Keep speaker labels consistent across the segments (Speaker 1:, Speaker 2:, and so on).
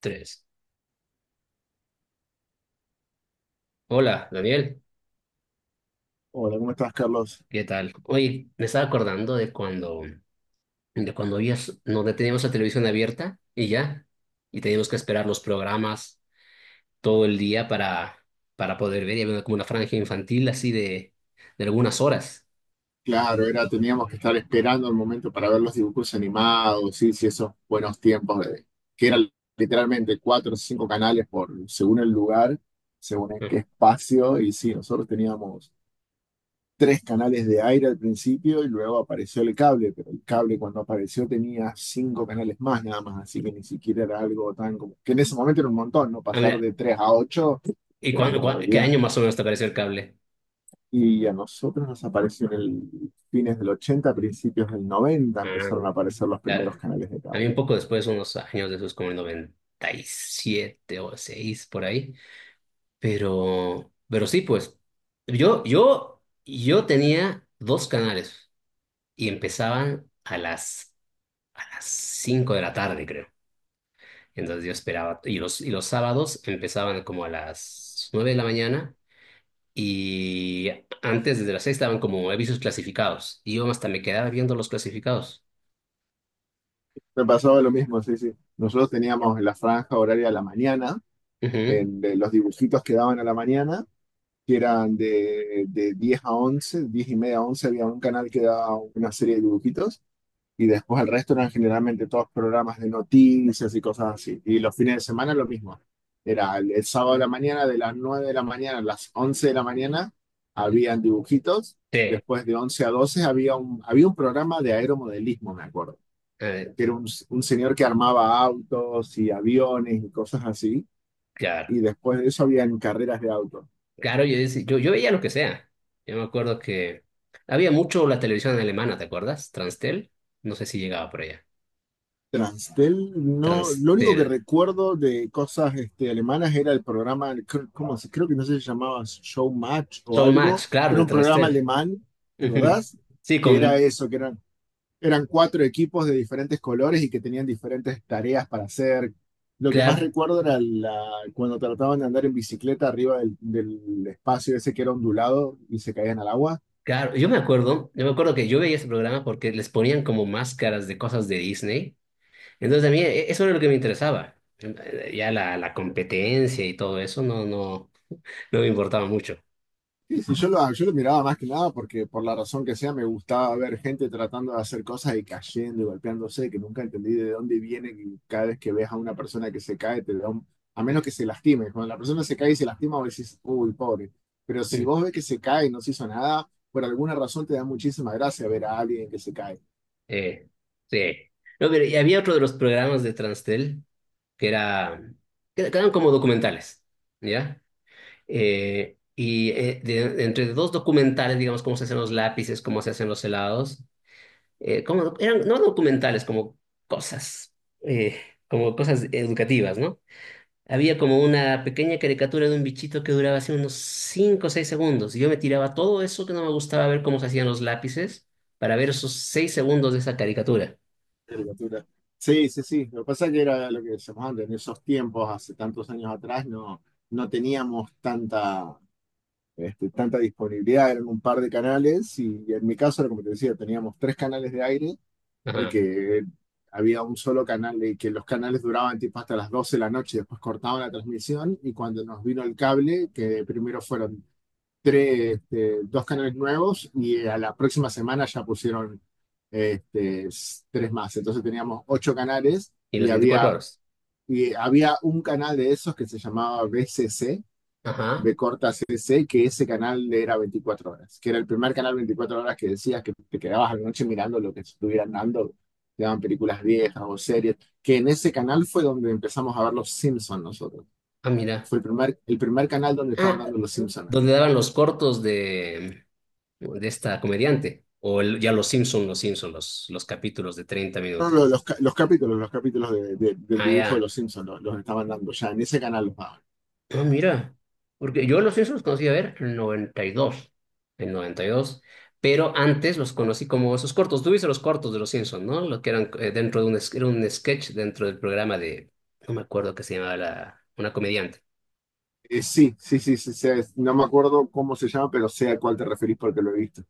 Speaker 1: Tres. Hola, Daniel.
Speaker 2: Hola, ¿cómo estás, Carlos?
Speaker 1: ¿Qué tal? Oye, me estaba acordando de cuando, había, no teníamos la televisión abierta y ya, y teníamos que esperar los programas todo el día para poder ver, y había como una franja infantil así de algunas horas.
Speaker 2: Claro, teníamos que estar esperando el momento para ver los dibujos animados, sí, sí, esos buenos tiempos que eran literalmente cuatro o cinco canales según el lugar, según en
Speaker 1: Ujú.
Speaker 2: qué espacio, y sí, nosotros teníamos tres canales de aire al principio y luego apareció el cable, pero el cable cuando apareció tenía cinco canales más nada más, así que ni siquiera era algo tan como, que en ese momento era un montón, ¿no?
Speaker 1: Ah,
Speaker 2: Pasar
Speaker 1: mira,
Speaker 2: de tres a ocho
Speaker 1: ¿y
Speaker 2: era
Speaker 1: cuándo,
Speaker 2: una
Speaker 1: qué
Speaker 2: barbaridad.
Speaker 1: año más o menos te apareció el cable?
Speaker 2: Y a nosotros nos apareció en el fines del 80, principios del 90,
Speaker 1: Ah,
Speaker 2: empezaron a aparecer los primeros
Speaker 1: claro.
Speaker 2: canales de
Speaker 1: A mí
Speaker 2: cable.
Speaker 1: un poco después, unos años después, como el 97 o 96 por ahí. Pero sí, pues, yo tenía dos canales y empezaban a las 5 de la tarde, creo. Entonces yo esperaba, y los sábados empezaban como a las 9 de la mañana y antes desde las 6 estaban como avisos clasificados y yo hasta me quedaba viendo los clasificados.
Speaker 2: Me pasaba lo mismo, sí, sí. Nosotros teníamos la franja horaria de la mañana,
Speaker 1: Ujú.
Speaker 2: de los dibujitos que daban a la mañana, que eran de 10 a 11, 10 y media a 11 había un canal que daba una serie de dibujitos. Y después el resto eran generalmente todos programas de noticias y cosas así. Y los fines de semana lo mismo. Era el sábado de la mañana, de las 9 de la mañana a las 11 de la mañana, habían dibujitos.
Speaker 1: Sí,
Speaker 2: Después de 11 a 12 había un programa de aeromodelismo, me acuerdo,
Speaker 1: eh,
Speaker 2: que era un señor que armaba autos y aviones y cosas así.
Speaker 1: claro.
Speaker 2: Y después de eso habían carreras de autos.
Speaker 1: Claro, yo veía lo que sea. Yo me acuerdo que había mucho la televisión alemana, ¿te acuerdas? Transtel. No sé si llegaba por allá.
Speaker 2: Transtel, no, lo único que
Speaker 1: Transtel.
Speaker 2: recuerdo de cosas este, alemanas era el programa, ¿cómo se? Creo que no sé si se llamaba Showmatch o
Speaker 1: So
Speaker 2: algo,
Speaker 1: Match, claro,
Speaker 2: que era
Speaker 1: de
Speaker 2: un programa
Speaker 1: Transtel.
Speaker 2: alemán, ¿te
Speaker 1: Ujú.
Speaker 2: acordás?
Speaker 1: Sí,
Speaker 2: Que era
Speaker 1: con...
Speaker 2: eso, que eran cuatro equipos de diferentes colores y que tenían diferentes tareas para hacer. Lo que más
Speaker 1: Claro,
Speaker 2: recuerdo era cuando trataban de andar en bicicleta arriba del espacio ese que era ondulado y se caían al agua.
Speaker 1: claro. Yo me acuerdo que yo veía ese programa porque les ponían como máscaras de cosas de Disney. Entonces a mí eso era lo que me interesaba. Ya la competencia y todo eso no me importaba mucho.
Speaker 2: Sí, sí, yo lo miraba más que nada porque por la razón que sea me gustaba ver gente tratando de hacer cosas y cayendo y golpeándose, que nunca entendí de dónde viene que cada vez que ves a una persona que se cae, te da a menos que se lastime. Cuando la persona se cae y se lastima, vos decís, uy, pobre. Pero si
Speaker 1: Mm.
Speaker 2: vos ves que se cae y no se hizo nada, por alguna razón te da muchísima gracia ver a alguien que se cae.
Speaker 1: Eh, sí. No, pero y había otro de los programas de Transtel que era, que eran como documentales, ¿ya? Entre dos documentales, digamos, cómo se hacen los lápices, cómo se hacen los helados, eran no documentales, cosas, eh, como cosas educativas, ¿no? Había como una pequeña caricatura de un bichito que duraba así unos 5 o 6 segundos. Y yo me tiraba todo eso que no me gustaba ver cómo se hacían los lápices para ver esos 6 segundos de esa caricatura.
Speaker 2: Caricatura. Sí, sí, sí. Lo que pasa es que era lo que decíamos antes, en esos tiempos, hace tantos años atrás, no, no teníamos tanta disponibilidad, eran un par de canales y en mi caso era como te decía, teníamos tres canales de aire y
Speaker 1: Ajá.
Speaker 2: que había un solo canal y que los canales duraban tipo hasta las 12 de la noche, después cortaban la transmisión y cuando nos vino el cable, que primero fueron tres, dos canales nuevos y a la próxima semana ya pusieron este, tres más, entonces teníamos ocho canales
Speaker 1: Y
Speaker 2: y
Speaker 1: los 24
Speaker 2: había,
Speaker 1: horas.
Speaker 2: y había un canal de esos que se llamaba BCC,
Speaker 1: Ajá.
Speaker 2: de Corta C C, que ese canal era 24 horas, que era el primer canal 24 horas, que decías que te quedabas a la noche mirando lo que estuvieran dando, te daban películas viejas o series, que en ese canal fue donde empezamos a ver Los Simpsons nosotros.
Speaker 1: Ah, mira.
Speaker 2: Fue el primer canal donde estaban
Speaker 1: Ah,
Speaker 2: dando Los Simpsons, ¿no?
Speaker 1: donde daban los cortos de esta comediante, ya los Simpson, los Simpson, los capítulos de 30
Speaker 2: No, no,
Speaker 1: minutos.
Speaker 2: los capítulos del
Speaker 1: Ah,
Speaker 2: dibujo de
Speaker 1: ya.
Speaker 2: Los Simpsons los estaban dando ya, en ese canal los daban.
Speaker 1: Ah, mira, porque yo los Simpsons los conocí, a ver, en noventa y dos, pero antes los conocí como esos cortos. Tú viste los cortos de los Simpsons, ¿no? Lo que eran, dentro de era un sketch dentro del programa de, no me acuerdo qué se llamaba, una comediante.
Speaker 2: Sí, sí, sí, sí, no me acuerdo cómo se llama, pero sé a cuál te referís porque lo he visto.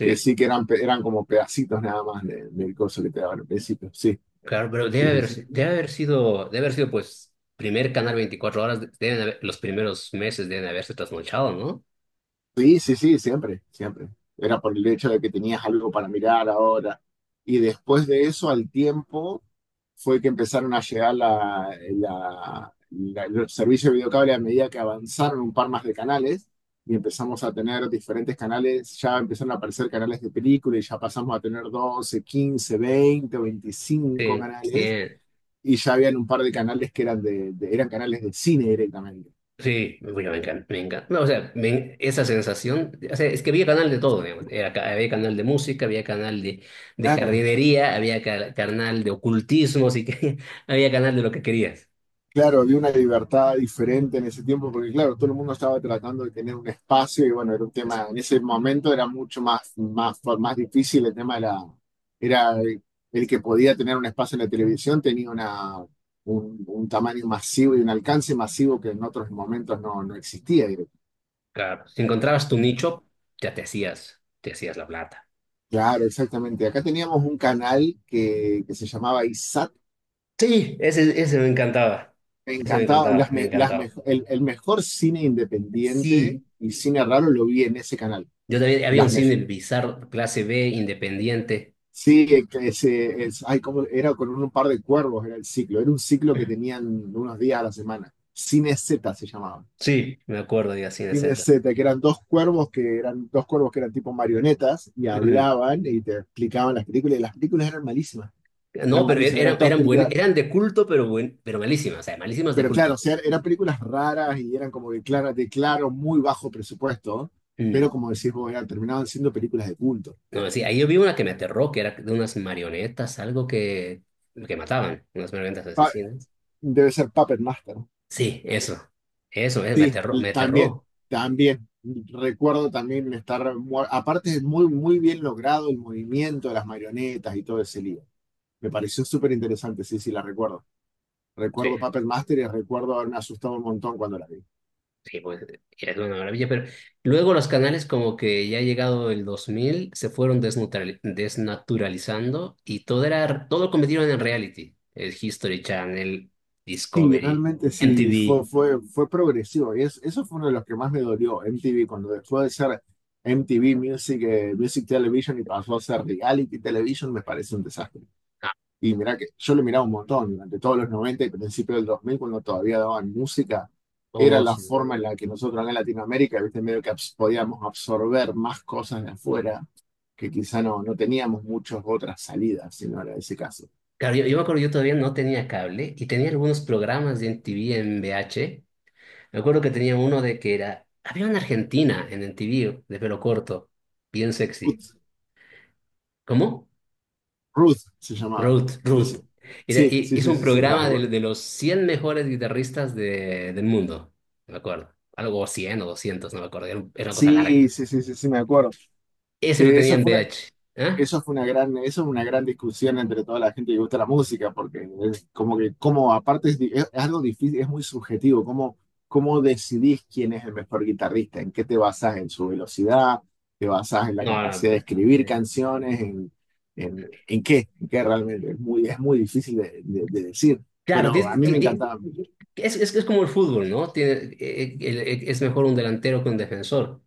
Speaker 2: Que sí, que eran como pedacitos nada más del coso que te daban al principio. Sí,
Speaker 1: Claro, pero
Speaker 2: sí,
Speaker 1: debe
Speaker 2: sí,
Speaker 1: haber,
Speaker 2: sí.
Speaker 1: si- debe haber sido, debe haber sido, pues, primer canal 24 horas. Los primeros meses deben haberse trasnochado, ¿no?
Speaker 2: Sí, sí, sí, siempre, siempre. Era por el hecho de que tenías algo para mirar ahora. Y después de eso, al tiempo, fue que empezaron a llegar los servicios de videocable a medida que avanzaron un par más de canales y empezamos a tener diferentes canales. Ya empezaron a aparecer canales de película y ya pasamos a tener 12, 15, 20 o 25
Speaker 1: Sí, sí,
Speaker 2: canales y ya habían un par de canales que eran, eran canales de cine directamente.
Speaker 1: sí, bueno, me encanta, me encanta. No, o sea, esa sensación, o sea, es que había canal de todo, digamos. Era había canal de música, había canal de
Speaker 2: Claro.
Speaker 1: jardinería, había canal de ocultismo, así que había canal de lo que querías.
Speaker 2: Claro, había una libertad diferente en ese tiempo, porque claro, todo el mundo estaba tratando de tener un espacio y bueno, era un tema, en ese momento era mucho más, más, más difícil el tema era el que podía tener un espacio en la televisión, tenía un tamaño masivo y un alcance masivo que en otros momentos no, no existía.
Speaker 1: Claro, si encontrabas tu nicho, ya te hacías la plata.
Speaker 2: Claro, exactamente. Acá teníamos un canal que se llamaba ISAT.
Speaker 1: Sí,
Speaker 2: Me
Speaker 1: ese me
Speaker 2: encantaba.
Speaker 1: encantaba,
Speaker 2: Las
Speaker 1: me
Speaker 2: me- las
Speaker 1: encantaba.
Speaker 2: me- el, el mejor cine independiente
Speaker 1: Sí,
Speaker 2: y cine raro lo vi en ese canal.
Speaker 1: yo también había un
Speaker 2: Las
Speaker 1: cine
Speaker 2: mejores.
Speaker 1: bizarro, clase B, independiente.
Speaker 2: Sí, que ese, es, ay, ¿cómo? Era con un par de cuervos, era el ciclo. Era un ciclo que tenían unos días a la semana. Cine Z se llamaba.
Speaker 1: Sí, me acuerdo, de Cine
Speaker 2: Cine
Speaker 1: Z.
Speaker 2: Z, que eran dos cuervos que eran tipo marionetas y
Speaker 1: Ujú.
Speaker 2: hablaban y te explicaban las películas. Y las películas eran malísimas. Eran
Speaker 1: No, pero
Speaker 2: malísimas, eran todas
Speaker 1: eran, buen,
Speaker 2: películas.
Speaker 1: eran de culto, pero, buen, pero malísimas, o sea, malísimas de
Speaker 2: Pero claro, o
Speaker 1: culto.
Speaker 2: sea, eran películas raras y eran como de muy bajo presupuesto, pero
Speaker 1: Mm.
Speaker 2: como decís vos, terminaban siendo películas de culto.
Speaker 1: No, sí, ahí yo vi una que me aterró, que era de unas marionetas, algo que mataban, unas marionetas
Speaker 2: Ah,
Speaker 1: asesinas.
Speaker 2: debe ser Puppet Master.
Speaker 1: Sí, eso, me
Speaker 2: Sí,
Speaker 1: aterró, me
Speaker 2: también,
Speaker 1: aterró.
Speaker 2: también. Recuerdo también estar, aparte es muy, muy bien logrado el movimiento de las marionetas y todo ese lío. Me pareció súper interesante, sí, sí, la recuerdo.
Speaker 1: Sí.
Speaker 2: Recuerdo Puppet Master y recuerdo haberme asustado un montón cuando la vi.
Speaker 1: Sí, pues es una maravilla, pero luego los canales, como que ya llegado el 2000, se fueron desnaturalizando y todo lo convirtieron en reality. El History Channel,
Speaker 2: Sí,
Speaker 1: Discovery,
Speaker 2: realmente sí, fue,
Speaker 1: MTV.
Speaker 2: fue, fue progresivo. Y eso fue uno de los que más me dolió, MTV, cuando dejó de ser MTV Music, Music Television, y pasó a ser Reality Television, me parece un desastre.
Speaker 1: Ah,
Speaker 2: Y mira que yo lo miraba un montón durante todos los 90 y principios del 2000 cuando todavía daban música, era
Speaker 1: oh,
Speaker 2: la
Speaker 1: sí.
Speaker 2: forma en la que nosotros acá en Latinoamérica, viste, medio que podíamos absorber más cosas de afuera, que quizá no, no teníamos muchas otras salidas, si no era ese caso.
Speaker 1: Claro, yo me acuerdo, yo todavía no tenía cable y tenía algunos programas de MTV en VH. Me acuerdo que tenía uno había una argentina en MTV de pelo corto, bien sexy. ¿Cómo?
Speaker 2: Ruth se llamaba.
Speaker 1: Ruth,
Speaker 2: Sí,
Speaker 1: Ruth.
Speaker 2: sí. Sí, sí,
Speaker 1: Hizo
Speaker 2: sí,
Speaker 1: un
Speaker 2: sí, sí, la
Speaker 1: programa
Speaker 2: recuerdo.
Speaker 1: de los 100 mejores guitarristas del mundo, no me acuerdo. Algo 100 o 200, no me acuerdo. Era una cosa larga.
Speaker 2: Sí, sí, sí, sí, sí, me acuerdo.
Speaker 1: Ese lo
Speaker 2: Que
Speaker 1: tenía en VH. ¿Ah?
Speaker 2: eso fue una gran discusión entre toda la gente que gusta la música, porque es como que, como aparte es, es algo difícil, es muy subjetivo, cómo decidís quién es el mejor guitarrista, en qué te basás, en su velocidad, te basás en la
Speaker 1: No, no.
Speaker 2: capacidad de escribir
Speaker 1: eh,
Speaker 2: canciones, en qué realmente, es muy difícil de decir,
Speaker 1: Claro,
Speaker 2: pero a mí me encantaba,
Speaker 1: es como el fútbol, ¿no? Es mejor un delantero que un defensor.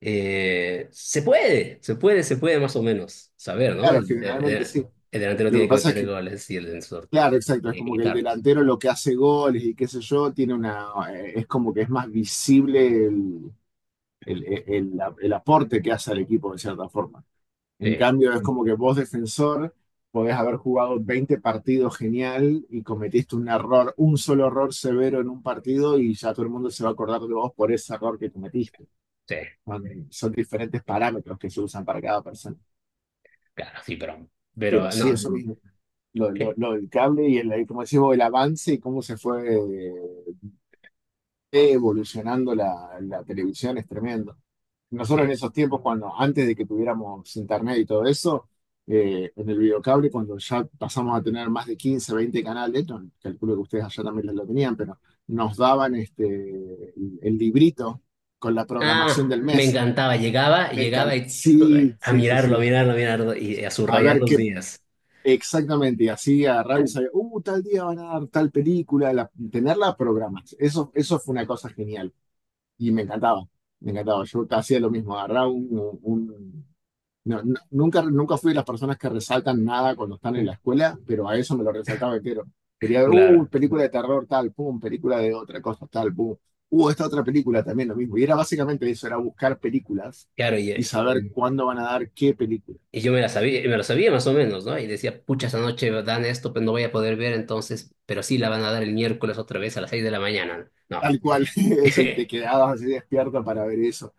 Speaker 1: Se puede más o menos saber, ¿no?
Speaker 2: claro, generalmente sí.
Speaker 1: El delantero
Speaker 2: Lo que
Speaker 1: tiene que
Speaker 2: pasa es
Speaker 1: meter
Speaker 2: que,
Speaker 1: goles y el defensor
Speaker 2: claro, exacto, es
Speaker 1: tiene que
Speaker 2: como que el
Speaker 1: evitarlos.
Speaker 2: delantero lo que hace goles y qué sé yo, tiene una, es como que es más visible el aporte que hace al equipo de cierta forma. En
Speaker 1: Sí,
Speaker 2: cambio, es como que vos, defensor, podés haber jugado 20 partidos genial y cometiste un error, un solo error severo en un partido y ya todo el mundo se va a acordar de vos por ese error que cometiste.
Speaker 1: sí,
Speaker 2: Son diferentes parámetros que se usan para cada persona.
Speaker 1: claro, sí, pero...
Speaker 2: Pero
Speaker 1: Pero
Speaker 2: sí,
Speaker 1: no.
Speaker 2: eso mismo. lo, lo,
Speaker 1: Este.
Speaker 2: lo del cable y el, como decimos, el avance y cómo se fue eh, evolucionando la televisión es tremendo. Nosotros en esos tiempos, cuando antes de que tuviéramos internet y todo eso, en el videocable, cuando ya pasamos a tener más de 15 o 20 canales, no, calculo que ustedes allá también lo tenían, pero nos daban el librito con la programación
Speaker 1: Ah,
Speaker 2: del
Speaker 1: me
Speaker 2: mes.
Speaker 1: encantaba.
Speaker 2: Me
Speaker 1: Llegaba
Speaker 2: encanta.
Speaker 1: y
Speaker 2: Sí,
Speaker 1: a
Speaker 2: sí, sí,
Speaker 1: mirarlo,
Speaker 2: sí.
Speaker 1: a mirarlo, a mirarlo y a
Speaker 2: A
Speaker 1: subrayar
Speaker 2: ver
Speaker 1: los
Speaker 2: qué.
Speaker 1: días.
Speaker 2: Exactamente, y así agarrar y saber, tal día van a dar tal película, tenerla programas. Eso fue una cosa genial y me encantaba, me encantaba. Yo hacía lo mismo, agarraba nunca, nunca fui de las personas que resaltan nada cuando están en la escuela, pero a eso me lo resaltaba entero. Quería ver,
Speaker 1: Claro,
Speaker 2: película de terror tal, pum, película de otra cosa tal, pum, esta otra película también lo mismo. Y era básicamente eso, era buscar películas
Speaker 1: claro,
Speaker 2: y saber cuándo van a dar qué película.
Speaker 1: y yo me la sabía, me lo sabía más o menos, ¿no? Y decía, pucha, esta noche dan esto, pero no voy a poder ver entonces, pero sí la van a dar el miércoles otra vez a las 6 de la mañana. No.
Speaker 2: Tal cual, eso, y te quedabas así despierto para ver eso.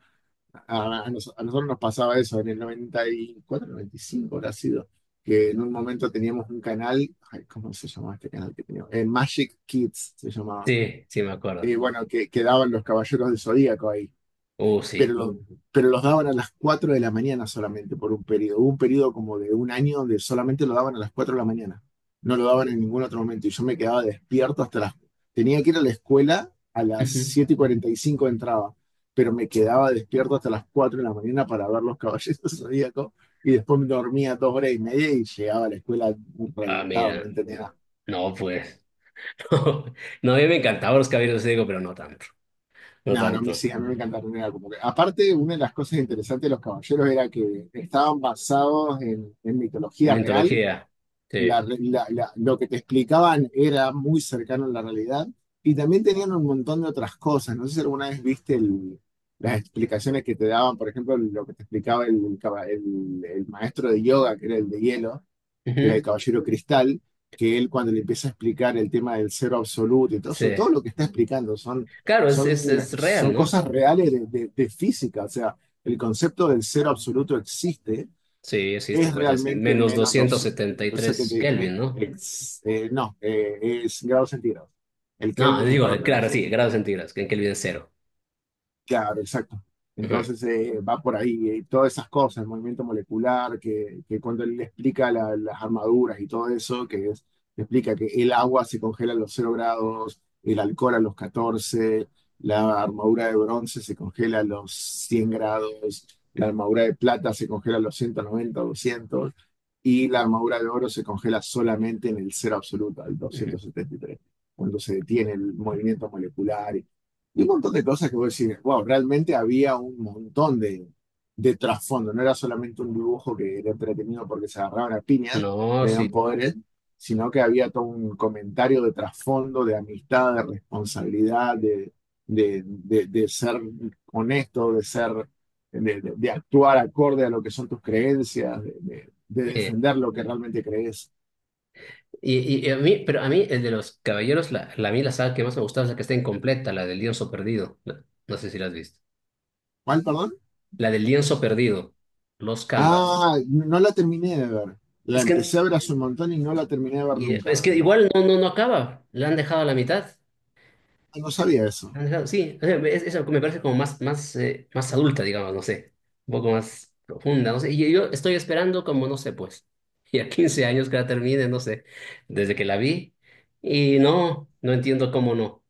Speaker 2: A nosotros nos pasaba eso en el 94, 95 habrá sido, que en un momento teníamos un canal, ay, ¿cómo se llamaba este canal que teníamos? Magic Kids se llamaba.
Speaker 1: Sí, sí, me acuerdo.
Speaker 2: Bueno, que daban los Caballeros del Zodíaco ahí,
Speaker 1: Uh,
Speaker 2: pero,
Speaker 1: sí.
Speaker 2: los daban a las 4 de la mañana solamente por un periodo. Hubo un periodo como de un año donde solamente lo daban a las 4 de la mañana. No lo daban en ningún otro momento. Y yo me quedaba despierto hasta las. Tenía que ir a la escuela a las
Speaker 1: Ujú.
Speaker 2: 7:45 entraba, pero me quedaba despierto hasta las 4 de la mañana para ver los caballeros zodíacos y después me dormía 2 horas y media y llegaba a la escuela
Speaker 1: Ah,
Speaker 2: reventado, no
Speaker 1: mira,
Speaker 2: entendía.
Speaker 1: no, pues. No, a mí me encantaban los caballeros de Zodíaco, pero no tanto, no
Speaker 2: No, no, a mí
Speaker 1: tanto.
Speaker 2: sí, a mí me encantaron. Era como que, aparte, una de las cosas interesantes de los caballeros era que estaban basados en
Speaker 1: En
Speaker 2: mitología real.
Speaker 1: mitología,
Speaker 2: La
Speaker 1: sí.
Speaker 2: re- la- la- lo que te explicaban era muy cercano a la realidad. Y también tenían un montón de otras cosas. No sé si alguna vez viste las explicaciones que te daban, por ejemplo, lo que te explicaba el maestro de yoga, que era el de hielo, que era el
Speaker 1: Ujú.
Speaker 2: Caballero Cristal, que él cuando le empieza a explicar el tema del cero absoluto y todo
Speaker 1: Sí.
Speaker 2: eso, todo lo que está explicando
Speaker 1: Claro,
Speaker 2: son,
Speaker 1: es real,
Speaker 2: son
Speaker 1: ¿no?
Speaker 2: cosas reales de física. O sea, el concepto del cero absoluto existe,
Speaker 1: Sí, existe,
Speaker 2: es
Speaker 1: pues es
Speaker 2: realmente
Speaker 1: menos
Speaker 2: menos
Speaker 1: doscientos setenta y tres
Speaker 2: 273,
Speaker 1: Kelvin, ¿no?
Speaker 2: no, es grados centígrados. El
Speaker 1: No,
Speaker 2: Kelvin es
Speaker 1: digo,
Speaker 2: para otra
Speaker 1: claro,
Speaker 2: cosa.
Speaker 1: sí, grados centígrados, que en Kelvin es cero.
Speaker 2: Claro, exacto.
Speaker 1: Ujú,
Speaker 2: Entonces, va por ahí, todas esas cosas, el movimiento molecular, que cuando él le explica las armaduras y todo eso, le explica que el agua se congela a los 0 grados, el alcohol a los 14, la armadura de bronce se congela a los 100 grados, la armadura de plata se congela a los 190, 200, y la armadura de oro se congela solamente en el cero absoluto, al
Speaker 1: ujú.
Speaker 2: 273, cuando se detiene el movimiento molecular. Y un montón de cosas que vos decís, wow, realmente había un montón de trasfondo, no era solamente un dibujo que era entretenido porque se agarraban a piñas y
Speaker 1: No,
Speaker 2: habían
Speaker 1: sí.
Speaker 2: poderes, sino que había todo un comentario de trasfondo, de amistad, de responsabilidad, de ser honesto, de ser, de actuar acorde a lo que son tus creencias, de
Speaker 1: Eh,
Speaker 2: defender lo que realmente crees.
Speaker 1: y a mí, pero a mí, el de los caballeros, a mí la saga que más me gustaba es la que está incompleta, la del lienzo perdido. No, no sé si la has visto.
Speaker 2: ¿Cuál, perdón?
Speaker 1: La del lienzo perdido, los canvas.
Speaker 2: Ah, no la terminé de ver. La
Speaker 1: Es que,
Speaker 2: empecé a ver hace un montón y no la terminé de ver nunca
Speaker 1: es que
Speaker 2: realmente.
Speaker 1: igual no acaba, la han dejado a la mitad.
Speaker 2: Ah, no sabía eso.
Speaker 1: Han dejado, sí, o sea, eso me parece como más, más adulta, digamos, no sé, un poco más profunda, no sé, y yo estoy esperando como, no sé, pues, y a 15 años que la termine, no sé, desde que la vi, y no entiendo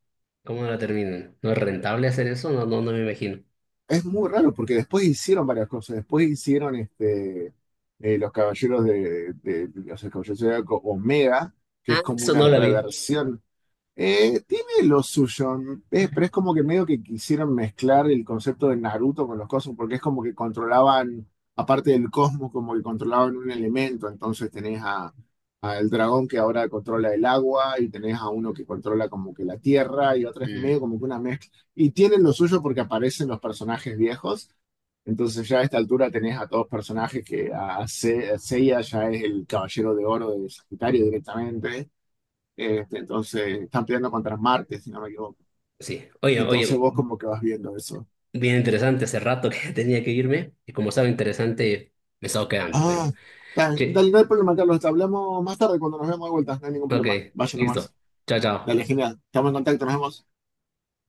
Speaker 1: cómo no la terminan. ¿No es rentable hacer eso? No, no, no me imagino.
Speaker 2: Es muy raro porque después hicieron varias cosas. Después hicieron este, los caballeros o sea, Caballeros del Zodíaco Omega, que es
Speaker 1: Ah,
Speaker 2: como
Speaker 1: eso
Speaker 2: una
Speaker 1: no la vi.
Speaker 2: reversión. Tiene lo suyo. Eh, pero es como que medio que quisieron mezclar el concepto de Naruto con los cosmos, porque es como que controlaban, aparte del cosmos, como que controlaban un elemento. Entonces tenés a el dragón que ahora controla el agua, y tenés a uno que controla como que la tierra, y otra es
Speaker 1: Mm,
Speaker 2: medio como que una mezcla. Y tienen lo suyo porque aparecen los personajes viejos. Entonces ya a esta altura tenés a todos personajes que a Seiya ya es el caballero de oro de Sagitario directamente. Este, entonces, están peleando contra Marte, si no me equivoco.
Speaker 1: sí, oye,
Speaker 2: Entonces
Speaker 1: oye,
Speaker 2: vos como que vas viendo eso.
Speaker 1: bien interesante. Hace rato que tenía que irme, y como estaba interesante, me estaba quedando, pero,
Speaker 2: Ah,
Speaker 1: sí,
Speaker 2: dale, no hay problema, Carlos. Te hablamos más tarde cuando nos vemos de vuelta. No hay ningún
Speaker 1: ok,
Speaker 2: problema. Vaya
Speaker 1: listo,
Speaker 2: nomás.
Speaker 1: chao, chao.
Speaker 2: Dale, genial. Estamos en contacto, nos vemos.